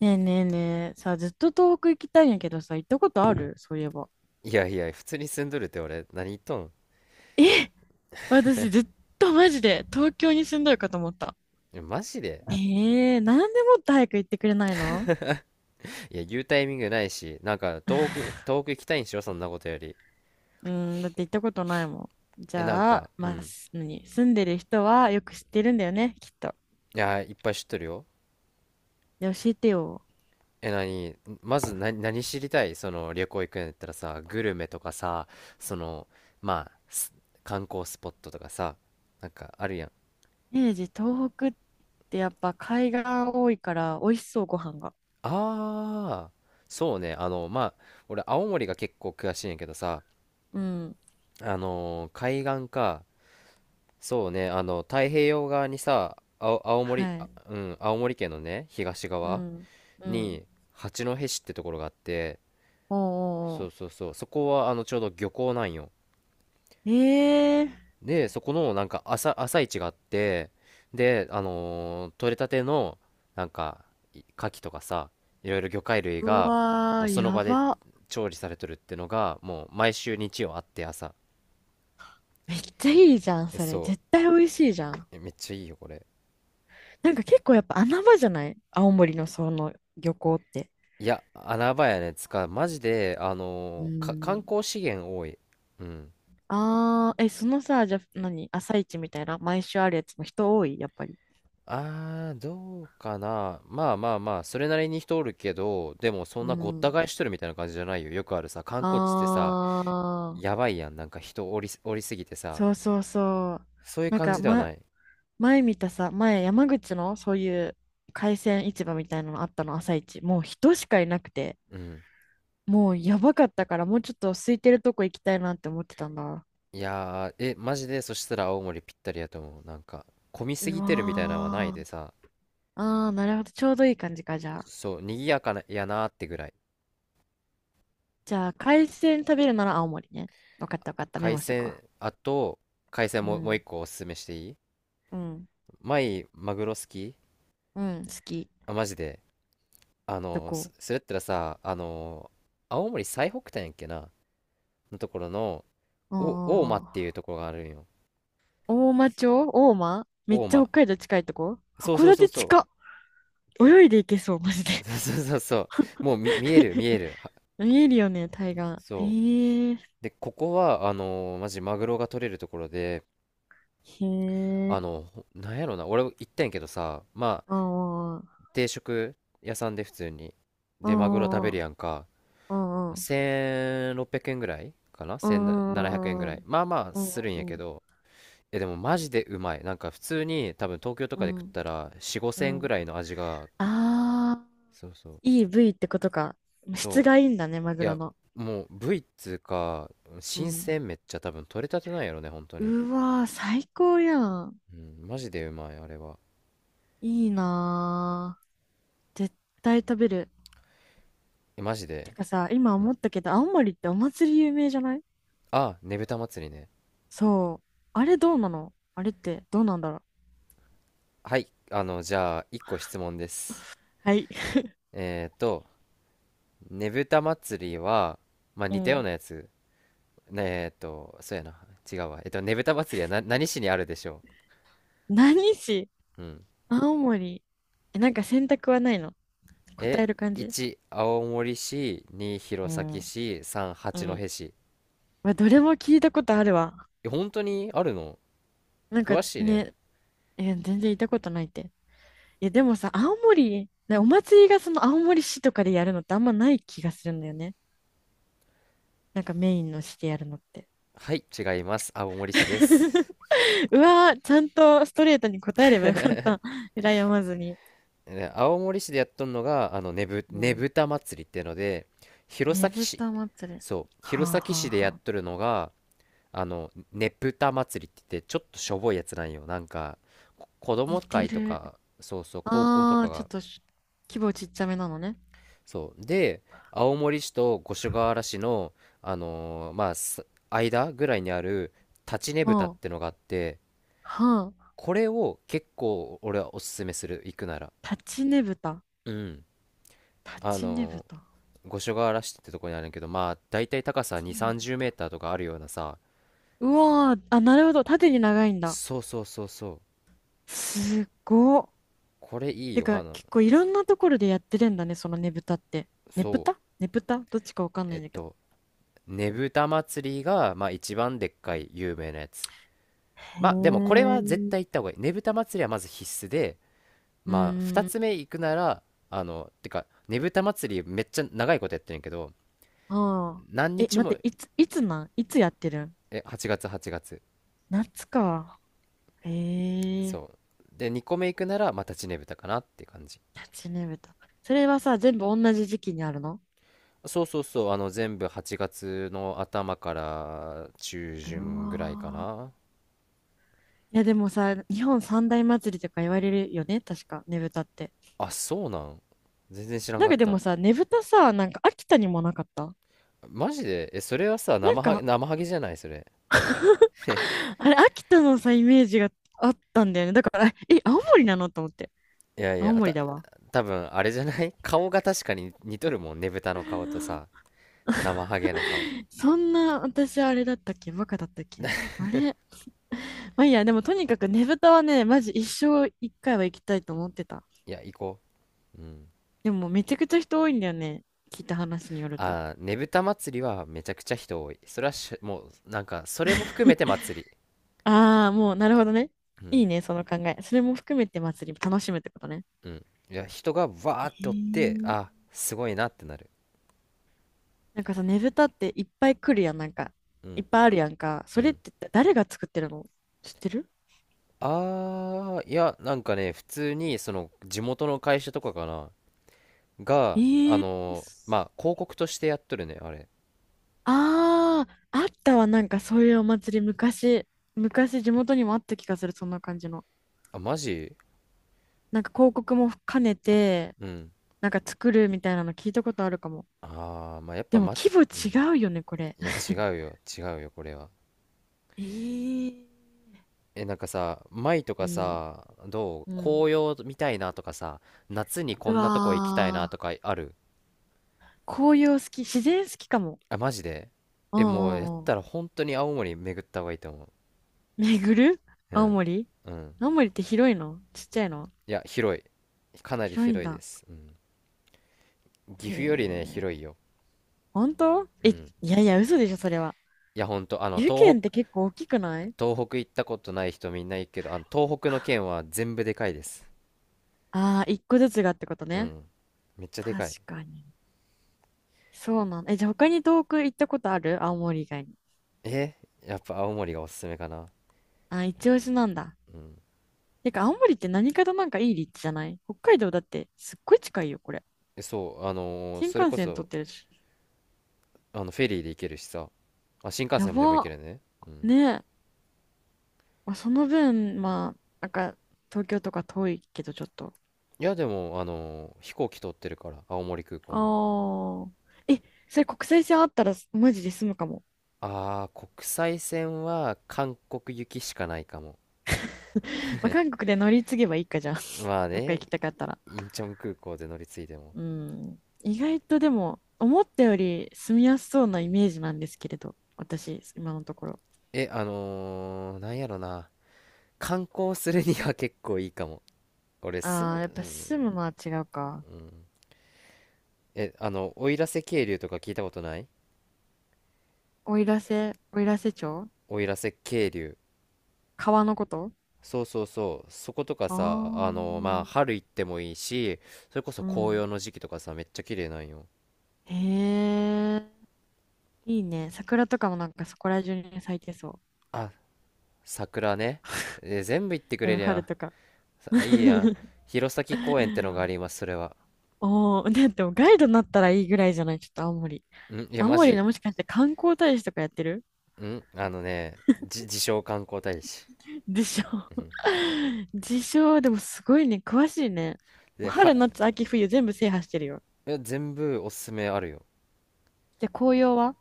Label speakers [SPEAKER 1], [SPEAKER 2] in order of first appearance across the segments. [SPEAKER 1] ねえねえねえ、さあ、ずっと東北行きたいんやけどさ、行ったことある？そういえば。
[SPEAKER 2] いやいや、普通に住んどるって俺、何言っとん？
[SPEAKER 1] 私ずっとマジで東京に住んどるかと思った。
[SPEAKER 2] いやマジで。
[SPEAKER 1] ええ、なんでもっと早く行ってくれないの？
[SPEAKER 2] いや、言うタイミングないし、なんか、遠く行きたいんしろ、そんなことより。
[SPEAKER 1] うん、だって行ったことないもん。じ
[SPEAKER 2] え、なん
[SPEAKER 1] ゃあ、
[SPEAKER 2] か、う
[SPEAKER 1] まあ、
[SPEAKER 2] ん。
[SPEAKER 1] 何、住んでる人はよく知ってるんだよね、きっと。
[SPEAKER 2] いや、いっぱい知っとるよ。
[SPEAKER 1] で、教えてよ。
[SPEAKER 2] え、何、まず何知りたいその、旅行行くんやったらさ、グルメとかさ、その、まあ、観光スポットとかさ、なんか、あるやん。
[SPEAKER 1] イメージ、東北ってやっぱ海岸多いから美味しそう、ご飯が。
[SPEAKER 2] ああ、そうね、あの、まあ、俺、青森が結構詳しいんやけどさ、
[SPEAKER 1] うん、
[SPEAKER 2] あのー海岸か、そうね、あの、太平洋側にさ、青、青森、
[SPEAKER 1] は
[SPEAKER 2] あ
[SPEAKER 1] い。
[SPEAKER 2] うん、青森県のね、東
[SPEAKER 1] う
[SPEAKER 2] 側
[SPEAKER 1] ん、うん。
[SPEAKER 2] に、八戸市ってところがあって、
[SPEAKER 1] おうおう
[SPEAKER 2] そうそ
[SPEAKER 1] お
[SPEAKER 2] うそう、そこは、あの、ちょうど漁港なんよ。
[SPEAKER 1] う。ええー、
[SPEAKER 2] で、そこの、なんか、朝市があって、で、あのー取れたての、なんか、牡蠣とかさ、いろいろ魚介類
[SPEAKER 1] う
[SPEAKER 2] が、も
[SPEAKER 1] わ
[SPEAKER 2] う
[SPEAKER 1] ー、
[SPEAKER 2] その
[SPEAKER 1] や
[SPEAKER 2] 場で
[SPEAKER 1] ば。
[SPEAKER 2] 調理されとるってのが、もう、毎週日曜あって、朝。
[SPEAKER 1] めっちゃいいじゃん、それ。
[SPEAKER 2] そ
[SPEAKER 1] 絶対美味しいじゃん。
[SPEAKER 2] う、めっちゃいいよ、これ。
[SPEAKER 1] なんか結構やっぱ穴場じゃない？青森のその漁港って。
[SPEAKER 2] いや、穴場やね。つか、マジで、あ
[SPEAKER 1] うー
[SPEAKER 2] のーか、観
[SPEAKER 1] ん。
[SPEAKER 2] 光資源多い。うん。
[SPEAKER 1] あー、え、そのさ、じゃあ、何、朝市みたいな、毎週あるやつも人多い、やっぱり？
[SPEAKER 2] あー、どうかな。まあまあまあ、それなりに人おるけど、でもそん
[SPEAKER 1] う
[SPEAKER 2] なごった
[SPEAKER 1] ん。
[SPEAKER 2] 返しとるみたいな感じじゃないよ。よくあるさ、観
[SPEAKER 1] あ
[SPEAKER 2] 光地ってさ、
[SPEAKER 1] ー、
[SPEAKER 2] やばいやん。なんか人おりすぎてさ、
[SPEAKER 1] そうそうそう。
[SPEAKER 2] そういう
[SPEAKER 1] なん
[SPEAKER 2] 感
[SPEAKER 1] か、
[SPEAKER 2] じではない。
[SPEAKER 1] 前見たさ、前山口のそういう海鮮市場みたいなのあったの、朝市。もう人しかいなくて、
[SPEAKER 2] うん。
[SPEAKER 1] もうやばかったから、もうちょっと空いてるとこ行きたいなって思ってたんだ。
[SPEAKER 2] いやー、え、マジで、そしたら青森ぴったりやと思う。なんか、混みす
[SPEAKER 1] う
[SPEAKER 2] ぎてるみたいなのはない
[SPEAKER 1] わ
[SPEAKER 2] で
[SPEAKER 1] ー。
[SPEAKER 2] さ、
[SPEAKER 1] ああ、なるほど。ちょうどいい感じか。じゃあ、
[SPEAKER 2] そう、賑やかな、やなーってぐらい。
[SPEAKER 1] 海鮮食べるなら青森ね。分かった分かった、メ
[SPEAKER 2] 海
[SPEAKER 1] モしとくわ。
[SPEAKER 2] 鮮、あと、海鮮
[SPEAKER 1] う
[SPEAKER 2] も、もう一
[SPEAKER 1] ん、
[SPEAKER 2] 個おすすめしていい？
[SPEAKER 1] うん、
[SPEAKER 2] 前、マグロ好き？
[SPEAKER 1] うん。好き。
[SPEAKER 2] あ、マジで。あ
[SPEAKER 1] ど
[SPEAKER 2] の、す、
[SPEAKER 1] こ？
[SPEAKER 2] それやったらさ、あの、青森最北端やっけなのところの、大間っていう
[SPEAKER 1] ああ。
[SPEAKER 2] ところがあるんよ。
[SPEAKER 1] 大町。大間め
[SPEAKER 2] 大
[SPEAKER 1] っちゃ
[SPEAKER 2] 間。
[SPEAKER 1] 北海道近いとこ、
[SPEAKER 2] そう
[SPEAKER 1] 函
[SPEAKER 2] そうそう
[SPEAKER 1] 館
[SPEAKER 2] そ
[SPEAKER 1] 近。泳いで行けそうマジ
[SPEAKER 2] う。
[SPEAKER 1] で。
[SPEAKER 2] そうそうそうそう。もう見える見える。
[SPEAKER 1] 見えるよね、海岸。
[SPEAKER 2] そ
[SPEAKER 1] えへ。
[SPEAKER 2] う。で、ここは、あのー、マジマグロが取れるところで、あの、なんやろな。俺行ったんやけどさ、ま
[SPEAKER 1] う
[SPEAKER 2] あ、
[SPEAKER 1] ん、うん、
[SPEAKER 2] 定食屋さんで普通に。
[SPEAKER 1] う
[SPEAKER 2] で、マグロ食べ
[SPEAKER 1] ん、う
[SPEAKER 2] る
[SPEAKER 1] ん、
[SPEAKER 2] やんか。1600円ぐらいかな？
[SPEAKER 1] う
[SPEAKER 2] 1700 円ぐ
[SPEAKER 1] ん、う
[SPEAKER 2] らい。
[SPEAKER 1] ん、
[SPEAKER 2] まあまあ
[SPEAKER 1] う
[SPEAKER 2] す
[SPEAKER 1] ん、
[SPEAKER 2] るん
[SPEAKER 1] う
[SPEAKER 2] や
[SPEAKER 1] ん、う
[SPEAKER 2] け
[SPEAKER 1] ん、
[SPEAKER 2] ど、え、でもマジでうまい。なんか普通に多分東京と
[SPEAKER 1] う
[SPEAKER 2] かで食
[SPEAKER 1] ん、
[SPEAKER 2] ったら4、
[SPEAKER 1] う
[SPEAKER 2] 5000
[SPEAKER 1] ん、
[SPEAKER 2] 円
[SPEAKER 1] うん、う
[SPEAKER 2] ぐ
[SPEAKER 1] ん。
[SPEAKER 2] らいの味が、
[SPEAKER 1] ああ。
[SPEAKER 2] そうそう、
[SPEAKER 1] いい部位ってことか。質
[SPEAKER 2] そう、
[SPEAKER 1] がいいんだね、マ
[SPEAKER 2] い
[SPEAKER 1] グロ
[SPEAKER 2] や、
[SPEAKER 1] の。
[SPEAKER 2] もう部位っつうか、
[SPEAKER 1] う
[SPEAKER 2] 新
[SPEAKER 1] ん。
[SPEAKER 2] 鮮めっちゃ多分取れたてなんやろね、本当に。
[SPEAKER 1] うわー、最高やん。
[SPEAKER 2] うん、マジでうまい、あれは。
[SPEAKER 1] いいなー。絶対食べる。
[SPEAKER 2] え、マジ
[SPEAKER 1] て
[SPEAKER 2] で。
[SPEAKER 1] かさ、今
[SPEAKER 2] う
[SPEAKER 1] 思
[SPEAKER 2] ん。
[SPEAKER 1] ったけど、青森ってお祭り有名じゃない？
[SPEAKER 2] あ、ねぶた祭りね。
[SPEAKER 1] そう。あれどうなの？あれってどうなんだろう。
[SPEAKER 2] はい、あの、じゃあ、1個質問です。
[SPEAKER 1] はい。
[SPEAKER 2] えっと、ねぶた祭りは、まあ
[SPEAKER 1] う
[SPEAKER 2] 似たよう
[SPEAKER 1] ん。
[SPEAKER 2] なやつね。そうやな。違うわ。えっと、ねぶた祭りはな、何市にあるでしょ
[SPEAKER 1] 何市？
[SPEAKER 2] う？うん。
[SPEAKER 1] 青森。え、なんか選択はないの？答
[SPEAKER 2] え、
[SPEAKER 1] える感じ？
[SPEAKER 2] 1、青森市、2、
[SPEAKER 1] う
[SPEAKER 2] 弘前
[SPEAKER 1] ん。
[SPEAKER 2] 市、3、
[SPEAKER 1] う
[SPEAKER 2] 八戸
[SPEAKER 1] ん。
[SPEAKER 2] 市。
[SPEAKER 1] まどれも聞いたことあるわ。
[SPEAKER 2] え、本当にあるの？
[SPEAKER 1] なんか
[SPEAKER 2] 詳しいね。
[SPEAKER 1] ね、え、全然いたことないって。いや、でもさ、青森、お祭りがその青森市とかでやるのってあんまない気がするんだよね。なんかメインの市でやるのって。
[SPEAKER 2] はい、違います。青森市です。
[SPEAKER 1] うわー、ちゃんとストレートに答えればよかった。羨まずに。
[SPEAKER 2] ね、青森市でやっとんのが、あの、
[SPEAKER 1] う
[SPEAKER 2] ね
[SPEAKER 1] ん。
[SPEAKER 2] ぶた祭りってので、弘
[SPEAKER 1] ね
[SPEAKER 2] 前
[SPEAKER 1] ぶ
[SPEAKER 2] 市、
[SPEAKER 1] た祭り。
[SPEAKER 2] そう、
[SPEAKER 1] はあ
[SPEAKER 2] 弘前
[SPEAKER 1] はあ
[SPEAKER 2] 市でや
[SPEAKER 1] は
[SPEAKER 2] っ
[SPEAKER 1] あ。
[SPEAKER 2] とるのが、あの、ねぷた祭りって言って、ちょっとしょぼいやつなんよ。なんか、子
[SPEAKER 1] 似
[SPEAKER 2] 供
[SPEAKER 1] て
[SPEAKER 2] 会と
[SPEAKER 1] る。
[SPEAKER 2] か、そうそう、高校と
[SPEAKER 1] あ
[SPEAKER 2] か
[SPEAKER 1] ー、ちょっ
[SPEAKER 2] が、
[SPEAKER 1] とし規模ちっちゃめなのね。
[SPEAKER 2] そうで青森市と五所川原市の、あのーまあ、間ぐらいにある立ちねぶたっ
[SPEAKER 1] は
[SPEAKER 2] てのがあって、
[SPEAKER 1] あ、はあ。
[SPEAKER 2] これを結構俺はおすすめする、行くなら。
[SPEAKER 1] 立ちねぶた。
[SPEAKER 2] うん。
[SPEAKER 1] 立
[SPEAKER 2] あ
[SPEAKER 1] ちねぶ
[SPEAKER 2] のー
[SPEAKER 1] た。
[SPEAKER 2] 五所川原市ってとこにあるんだけど、まあだいたい高さ
[SPEAKER 1] 立
[SPEAKER 2] 2
[SPEAKER 1] ち
[SPEAKER 2] 3
[SPEAKER 1] ね
[SPEAKER 2] 0
[SPEAKER 1] ぶ
[SPEAKER 2] メー
[SPEAKER 1] た。
[SPEAKER 2] ターとかあるようなさ。
[SPEAKER 1] うわー、あ、なるほど。縦に長いんだ。
[SPEAKER 2] そうそうそうそう。
[SPEAKER 1] すごっ。
[SPEAKER 2] これいい
[SPEAKER 1] て
[SPEAKER 2] よ、あ
[SPEAKER 1] か、
[SPEAKER 2] の。
[SPEAKER 1] 結構いろんなところでやってるんだね、そのねぶたって。ね
[SPEAKER 2] そ
[SPEAKER 1] ぶ
[SPEAKER 2] う、
[SPEAKER 1] たねぶたどっちかわかんな
[SPEAKER 2] え
[SPEAKER 1] い
[SPEAKER 2] っ
[SPEAKER 1] んだけど。
[SPEAKER 2] と、ねぶた祭りが、まあ、一番でっかい有名なやつ。
[SPEAKER 1] へえ。
[SPEAKER 2] まあでもこれ
[SPEAKER 1] う
[SPEAKER 2] は絶
[SPEAKER 1] ん。
[SPEAKER 2] 対行った方がいい。ねぶた祭りはまず必須で、
[SPEAKER 1] う
[SPEAKER 2] まあ2
[SPEAKER 1] ーん。
[SPEAKER 2] つ目行くなら、てかねぶた祭りめっちゃ長いことやってるんやけど、
[SPEAKER 1] ああ。
[SPEAKER 2] 何
[SPEAKER 1] え、
[SPEAKER 2] 日
[SPEAKER 1] 待っ
[SPEAKER 2] も。
[SPEAKER 1] て、いつやってるん？
[SPEAKER 2] 8月、8月。
[SPEAKER 1] 夏か。へえ。
[SPEAKER 2] そうで2個目行くならまたちねぶたかなって感じ。
[SPEAKER 1] 夏ねぶた。それはさ、全部同じ時期にあるの？
[SPEAKER 2] そうそうそう、全部8月の頭から中
[SPEAKER 1] う
[SPEAKER 2] 旬ぐらいか
[SPEAKER 1] わー。
[SPEAKER 2] な。
[SPEAKER 1] いや、でもさ、日本三大祭りとか言われるよね、確か、ねぶたって。
[SPEAKER 2] あ、そうなん？全然知らん
[SPEAKER 1] なん
[SPEAKER 2] かっ
[SPEAKER 1] かで
[SPEAKER 2] た。
[SPEAKER 1] もさ、ねぶたさ、なんか秋田にもなかった？
[SPEAKER 2] マジで？それはさ、
[SPEAKER 1] なん
[SPEAKER 2] 生ハゲ、
[SPEAKER 1] か
[SPEAKER 2] 生ハゲじゃないそれ？
[SPEAKER 1] あれ、秋田のさ、イメージがあったんだよね。だから、え、青森なのと思って。
[SPEAKER 2] いやい
[SPEAKER 1] 青
[SPEAKER 2] やあ
[SPEAKER 1] 森
[SPEAKER 2] た
[SPEAKER 1] だわ。
[SPEAKER 2] 多分あれじゃない？ 顔が確かに似とるもんねぶたの顔とさ、生ハゲの顔。
[SPEAKER 1] そんな、私あれだったっけ？バカだったっけ？あれ、まあいいや、でもとにかくねぶたはね、マジ一生一回は行きたいと思ってた。
[SPEAKER 2] いや、行こ。うん。
[SPEAKER 1] でもめちゃくちゃ人多いんだよね。聞いた話によると。
[SPEAKER 2] あー、ねぶた祭りはめちゃくちゃ人多い。それはしもう、なんか、それも含めて祭り。
[SPEAKER 1] ああ、もうなるほどね。
[SPEAKER 2] う
[SPEAKER 1] い
[SPEAKER 2] ん、
[SPEAKER 1] いね、その考え。それも含めて祭り楽しむってことね。
[SPEAKER 2] うん。いや、人がわー
[SPEAKER 1] へ
[SPEAKER 2] っておって、
[SPEAKER 1] え。
[SPEAKER 2] あ、すごいなってなる。
[SPEAKER 1] なんかさ、ねぶたっていっぱい来るやん、なんか。
[SPEAKER 2] う
[SPEAKER 1] いっ
[SPEAKER 2] ん、
[SPEAKER 1] ぱいあるやんか。
[SPEAKER 2] う
[SPEAKER 1] それっ
[SPEAKER 2] ん。
[SPEAKER 1] て誰が作ってるの？知ってる？
[SPEAKER 2] あー、いや、なんかね、普通に、その、地元の会社とかかな、
[SPEAKER 1] え
[SPEAKER 2] が、あ
[SPEAKER 1] ー、
[SPEAKER 2] のーまあ、広告としてやっとるね、あれ。
[SPEAKER 1] ああ、あったわ、なんかそういうお祭り、昔、昔地元にもあった気がする、そんな感じの。
[SPEAKER 2] あ、マジ？
[SPEAKER 1] なんか広告も兼ねて、
[SPEAKER 2] うん。
[SPEAKER 1] なんか作るみたいなの聞いたことあるかも。
[SPEAKER 2] あー、まあ、やっ
[SPEAKER 1] で
[SPEAKER 2] ぱ、
[SPEAKER 1] も
[SPEAKER 2] ま、
[SPEAKER 1] 規模
[SPEAKER 2] うん。
[SPEAKER 1] 違うよね、これ。
[SPEAKER 2] いや、違うよ、違うよ、これは。
[SPEAKER 1] えー、
[SPEAKER 2] え、なんかさ、舞と
[SPEAKER 1] う
[SPEAKER 2] か
[SPEAKER 1] ん、
[SPEAKER 2] さ、ど
[SPEAKER 1] う
[SPEAKER 2] う
[SPEAKER 1] ん。
[SPEAKER 2] 紅葉見たいなとかさ、夏にこ
[SPEAKER 1] う
[SPEAKER 2] んなとこ行きたいな
[SPEAKER 1] わ
[SPEAKER 2] と
[SPEAKER 1] ー、
[SPEAKER 2] かある？
[SPEAKER 1] 紅葉好き、自然好きかも。
[SPEAKER 2] あ、マジで？
[SPEAKER 1] うん、
[SPEAKER 2] え、もうやっ
[SPEAKER 1] うん、うん。
[SPEAKER 2] たら本当に青森巡った方がいいと思
[SPEAKER 1] 巡る？
[SPEAKER 2] う。う
[SPEAKER 1] 青
[SPEAKER 2] ん。
[SPEAKER 1] 森？
[SPEAKER 2] うん。
[SPEAKER 1] 青森って広いの？ちっちゃいの？
[SPEAKER 2] いや、広い。かなり
[SPEAKER 1] 広いん
[SPEAKER 2] 広いで
[SPEAKER 1] だ。
[SPEAKER 2] す。うん。岐
[SPEAKER 1] へ
[SPEAKER 2] 阜よりね、
[SPEAKER 1] え。
[SPEAKER 2] 広いよ。
[SPEAKER 1] 本当？
[SPEAKER 2] う
[SPEAKER 1] え、い
[SPEAKER 2] ん。
[SPEAKER 1] やいや、嘘でしょ、それは。
[SPEAKER 2] いや、ほんと、あの、
[SPEAKER 1] 湯
[SPEAKER 2] 東
[SPEAKER 1] 県って
[SPEAKER 2] 北、
[SPEAKER 1] 結構大きくない？
[SPEAKER 2] 東北行ったことない人みんないけど、あの、東北の
[SPEAKER 1] あ
[SPEAKER 2] 県は全部でかいです。
[SPEAKER 1] あー、一個ずつがってこと
[SPEAKER 2] う
[SPEAKER 1] ね。
[SPEAKER 2] ん。めっちゃで
[SPEAKER 1] 確
[SPEAKER 2] かい。
[SPEAKER 1] かに。そうなんだ。え、じゃあ他に遠く行ったことある？青森以外に。
[SPEAKER 2] えやっぱ青森がおすすめかな。
[SPEAKER 1] あ、一押しなんだ。
[SPEAKER 2] うん。
[SPEAKER 1] てか、青森って何かとなんかいい立地じゃない？北海道だってすっごい近いよ、これ。
[SPEAKER 2] えそう、あのー
[SPEAKER 1] 新
[SPEAKER 2] それ
[SPEAKER 1] 幹
[SPEAKER 2] こ
[SPEAKER 1] 線通っ
[SPEAKER 2] そ、
[SPEAKER 1] てるし。
[SPEAKER 2] あのフェリーで行けるしさ、あ、新幹
[SPEAKER 1] や
[SPEAKER 2] 線もでも行け
[SPEAKER 1] ば。
[SPEAKER 2] るね。うん。
[SPEAKER 1] ねえ。まあ、その分、まあ、なんか、東京とか遠いけど、ちょっと。
[SPEAKER 2] いやでもあのー飛行機通ってるから青森空港に。
[SPEAKER 1] ああ。え、それ国際線あったらマジで済むかも。
[SPEAKER 2] あー国際線は韓国行きしかないかも。
[SPEAKER 1] まあ、韓国で乗り継げばいいかじゃん。
[SPEAKER 2] まあ
[SPEAKER 1] どっか行
[SPEAKER 2] ね。
[SPEAKER 1] きたかったら。
[SPEAKER 2] インチョン空港で乗り継いでも。
[SPEAKER 1] うん。意外とでも、思ったより住みやすそうなイメージなんですけれど、私、今のところ。
[SPEAKER 2] あのー、なんやろな、観光するには結構いいかも。俺、
[SPEAKER 1] ああ、やっ
[SPEAKER 2] う
[SPEAKER 1] ぱ
[SPEAKER 2] ん。
[SPEAKER 1] 住むのは違うか。
[SPEAKER 2] あの奥入瀬渓流とか聞いたことない？
[SPEAKER 1] おいらせ、おいらせ町？
[SPEAKER 2] 奥入瀬渓流。
[SPEAKER 1] 川のこと？
[SPEAKER 2] そうそうそう。そことか
[SPEAKER 1] あ
[SPEAKER 2] さ、あ
[SPEAKER 1] あ。
[SPEAKER 2] の、まあ、春行ってもいいし、それこそ
[SPEAKER 1] う
[SPEAKER 2] 紅
[SPEAKER 1] ん。
[SPEAKER 2] 葉の時期とかさ、めっちゃ綺麗なんよ。
[SPEAKER 1] へえ、いいね。桜とかもなんかそこら中に咲いてそ
[SPEAKER 2] あ、桜ね。え、全部行ってく
[SPEAKER 1] う。う
[SPEAKER 2] れ
[SPEAKER 1] ん、
[SPEAKER 2] るや
[SPEAKER 1] 春
[SPEAKER 2] ん。
[SPEAKER 1] とか。
[SPEAKER 2] さいいやん。弘前公園ってのがあります、それは。
[SPEAKER 1] おー、だってもうガイドになったらいいぐらいじゃない？ちょっと青森。
[SPEAKER 2] いや、
[SPEAKER 1] 青
[SPEAKER 2] マ
[SPEAKER 1] 森の
[SPEAKER 2] ジ。
[SPEAKER 1] もしかして観光大使とかやってる？
[SPEAKER 2] あのね、自称観光大使。
[SPEAKER 1] でしょ？
[SPEAKER 2] うん。
[SPEAKER 1] 自称、でもすごいね、詳しいね。も
[SPEAKER 2] で、
[SPEAKER 1] う
[SPEAKER 2] は、
[SPEAKER 1] 春、夏、秋、冬全部制覇してるよ。
[SPEAKER 2] え全部おすすめあるよ。
[SPEAKER 1] じゃあ紅葉は？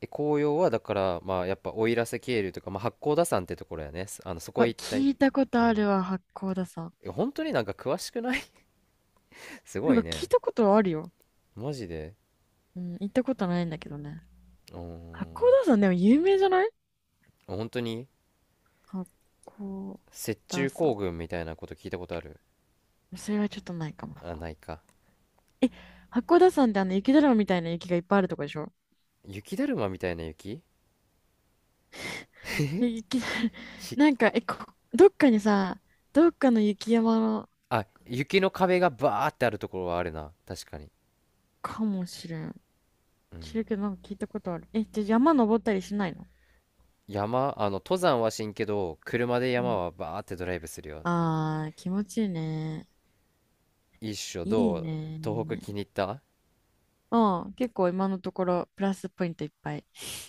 [SPEAKER 2] え、紅葉はだから、まあ、やっぱ奥入瀬渓流とか、まあ、八甲田山ってところやね。あの、そこ
[SPEAKER 1] わ、
[SPEAKER 2] 一帯。
[SPEAKER 1] 聞いたこと
[SPEAKER 2] う
[SPEAKER 1] あ
[SPEAKER 2] ん。
[SPEAKER 1] るわ、八甲田山。
[SPEAKER 2] え、本当になんか詳しくない？ すご
[SPEAKER 1] なん
[SPEAKER 2] い
[SPEAKER 1] か聞い
[SPEAKER 2] ね。
[SPEAKER 1] たことはあるよ。
[SPEAKER 2] マジで。
[SPEAKER 1] うん、行ったことないんだけどね。
[SPEAKER 2] うー
[SPEAKER 1] 八甲
[SPEAKER 2] ん。
[SPEAKER 1] 田山でも有名じゃない？
[SPEAKER 2] 本当に？
[SPEAKER 1] 八甲
[SPEAKER 2] 雪
[SPEAKER 1] 田
[SPEAKER 2] 中
[SPEAKER 1] 山。
[SPEAKER 2] 行軍みたいなこと聞いたことある？
[SPEAKER 1] それはちょっとないかも。
[SPEAKER 2] あ、ないか。
[SPEAKER 1] え、八甲田山ってあの雪だるまみたいな雪がいっぱいあるとこでしょ？
[SPEAKER 2] 雪だるまみたいな雪？
[SPEAKER 1] で雪
[SPEAKER 2] ひ
[SPEAKER 1] なんか、え、どっかにさ、どっかの雪山
[SPEAKER 2] あ、雪の壁がバーってあるところはあるな確かに。
[SPEAKER 1] かもしれん。
[SPEAKER 2] う
[SPEAKER 1] 知
[SPEAKER 2] ん。
[SPEAKER 1] るけど、なんか聞いたことある。え、じゃあ山登ったりしないの？
[SPEAKER 2] 山、登山はしんけど車で
[SPEAKER 1] う
[SPEAKER 2] 山
[SPEAKER 1] ん。
[SPEAKER 2] はバーってドライブするよ。
[SPEAKER 1] あー、気持ちいいね。
[SPEAKER 2] 一緒
[SPEAKER 1] いい
[SPEAKER 2] どう？東北気
[SPEAKER 1] ね。
[SPEAKER 2] に入った？
[SPEAKER 1] うん、結構今のところプラスポイントいっぱい。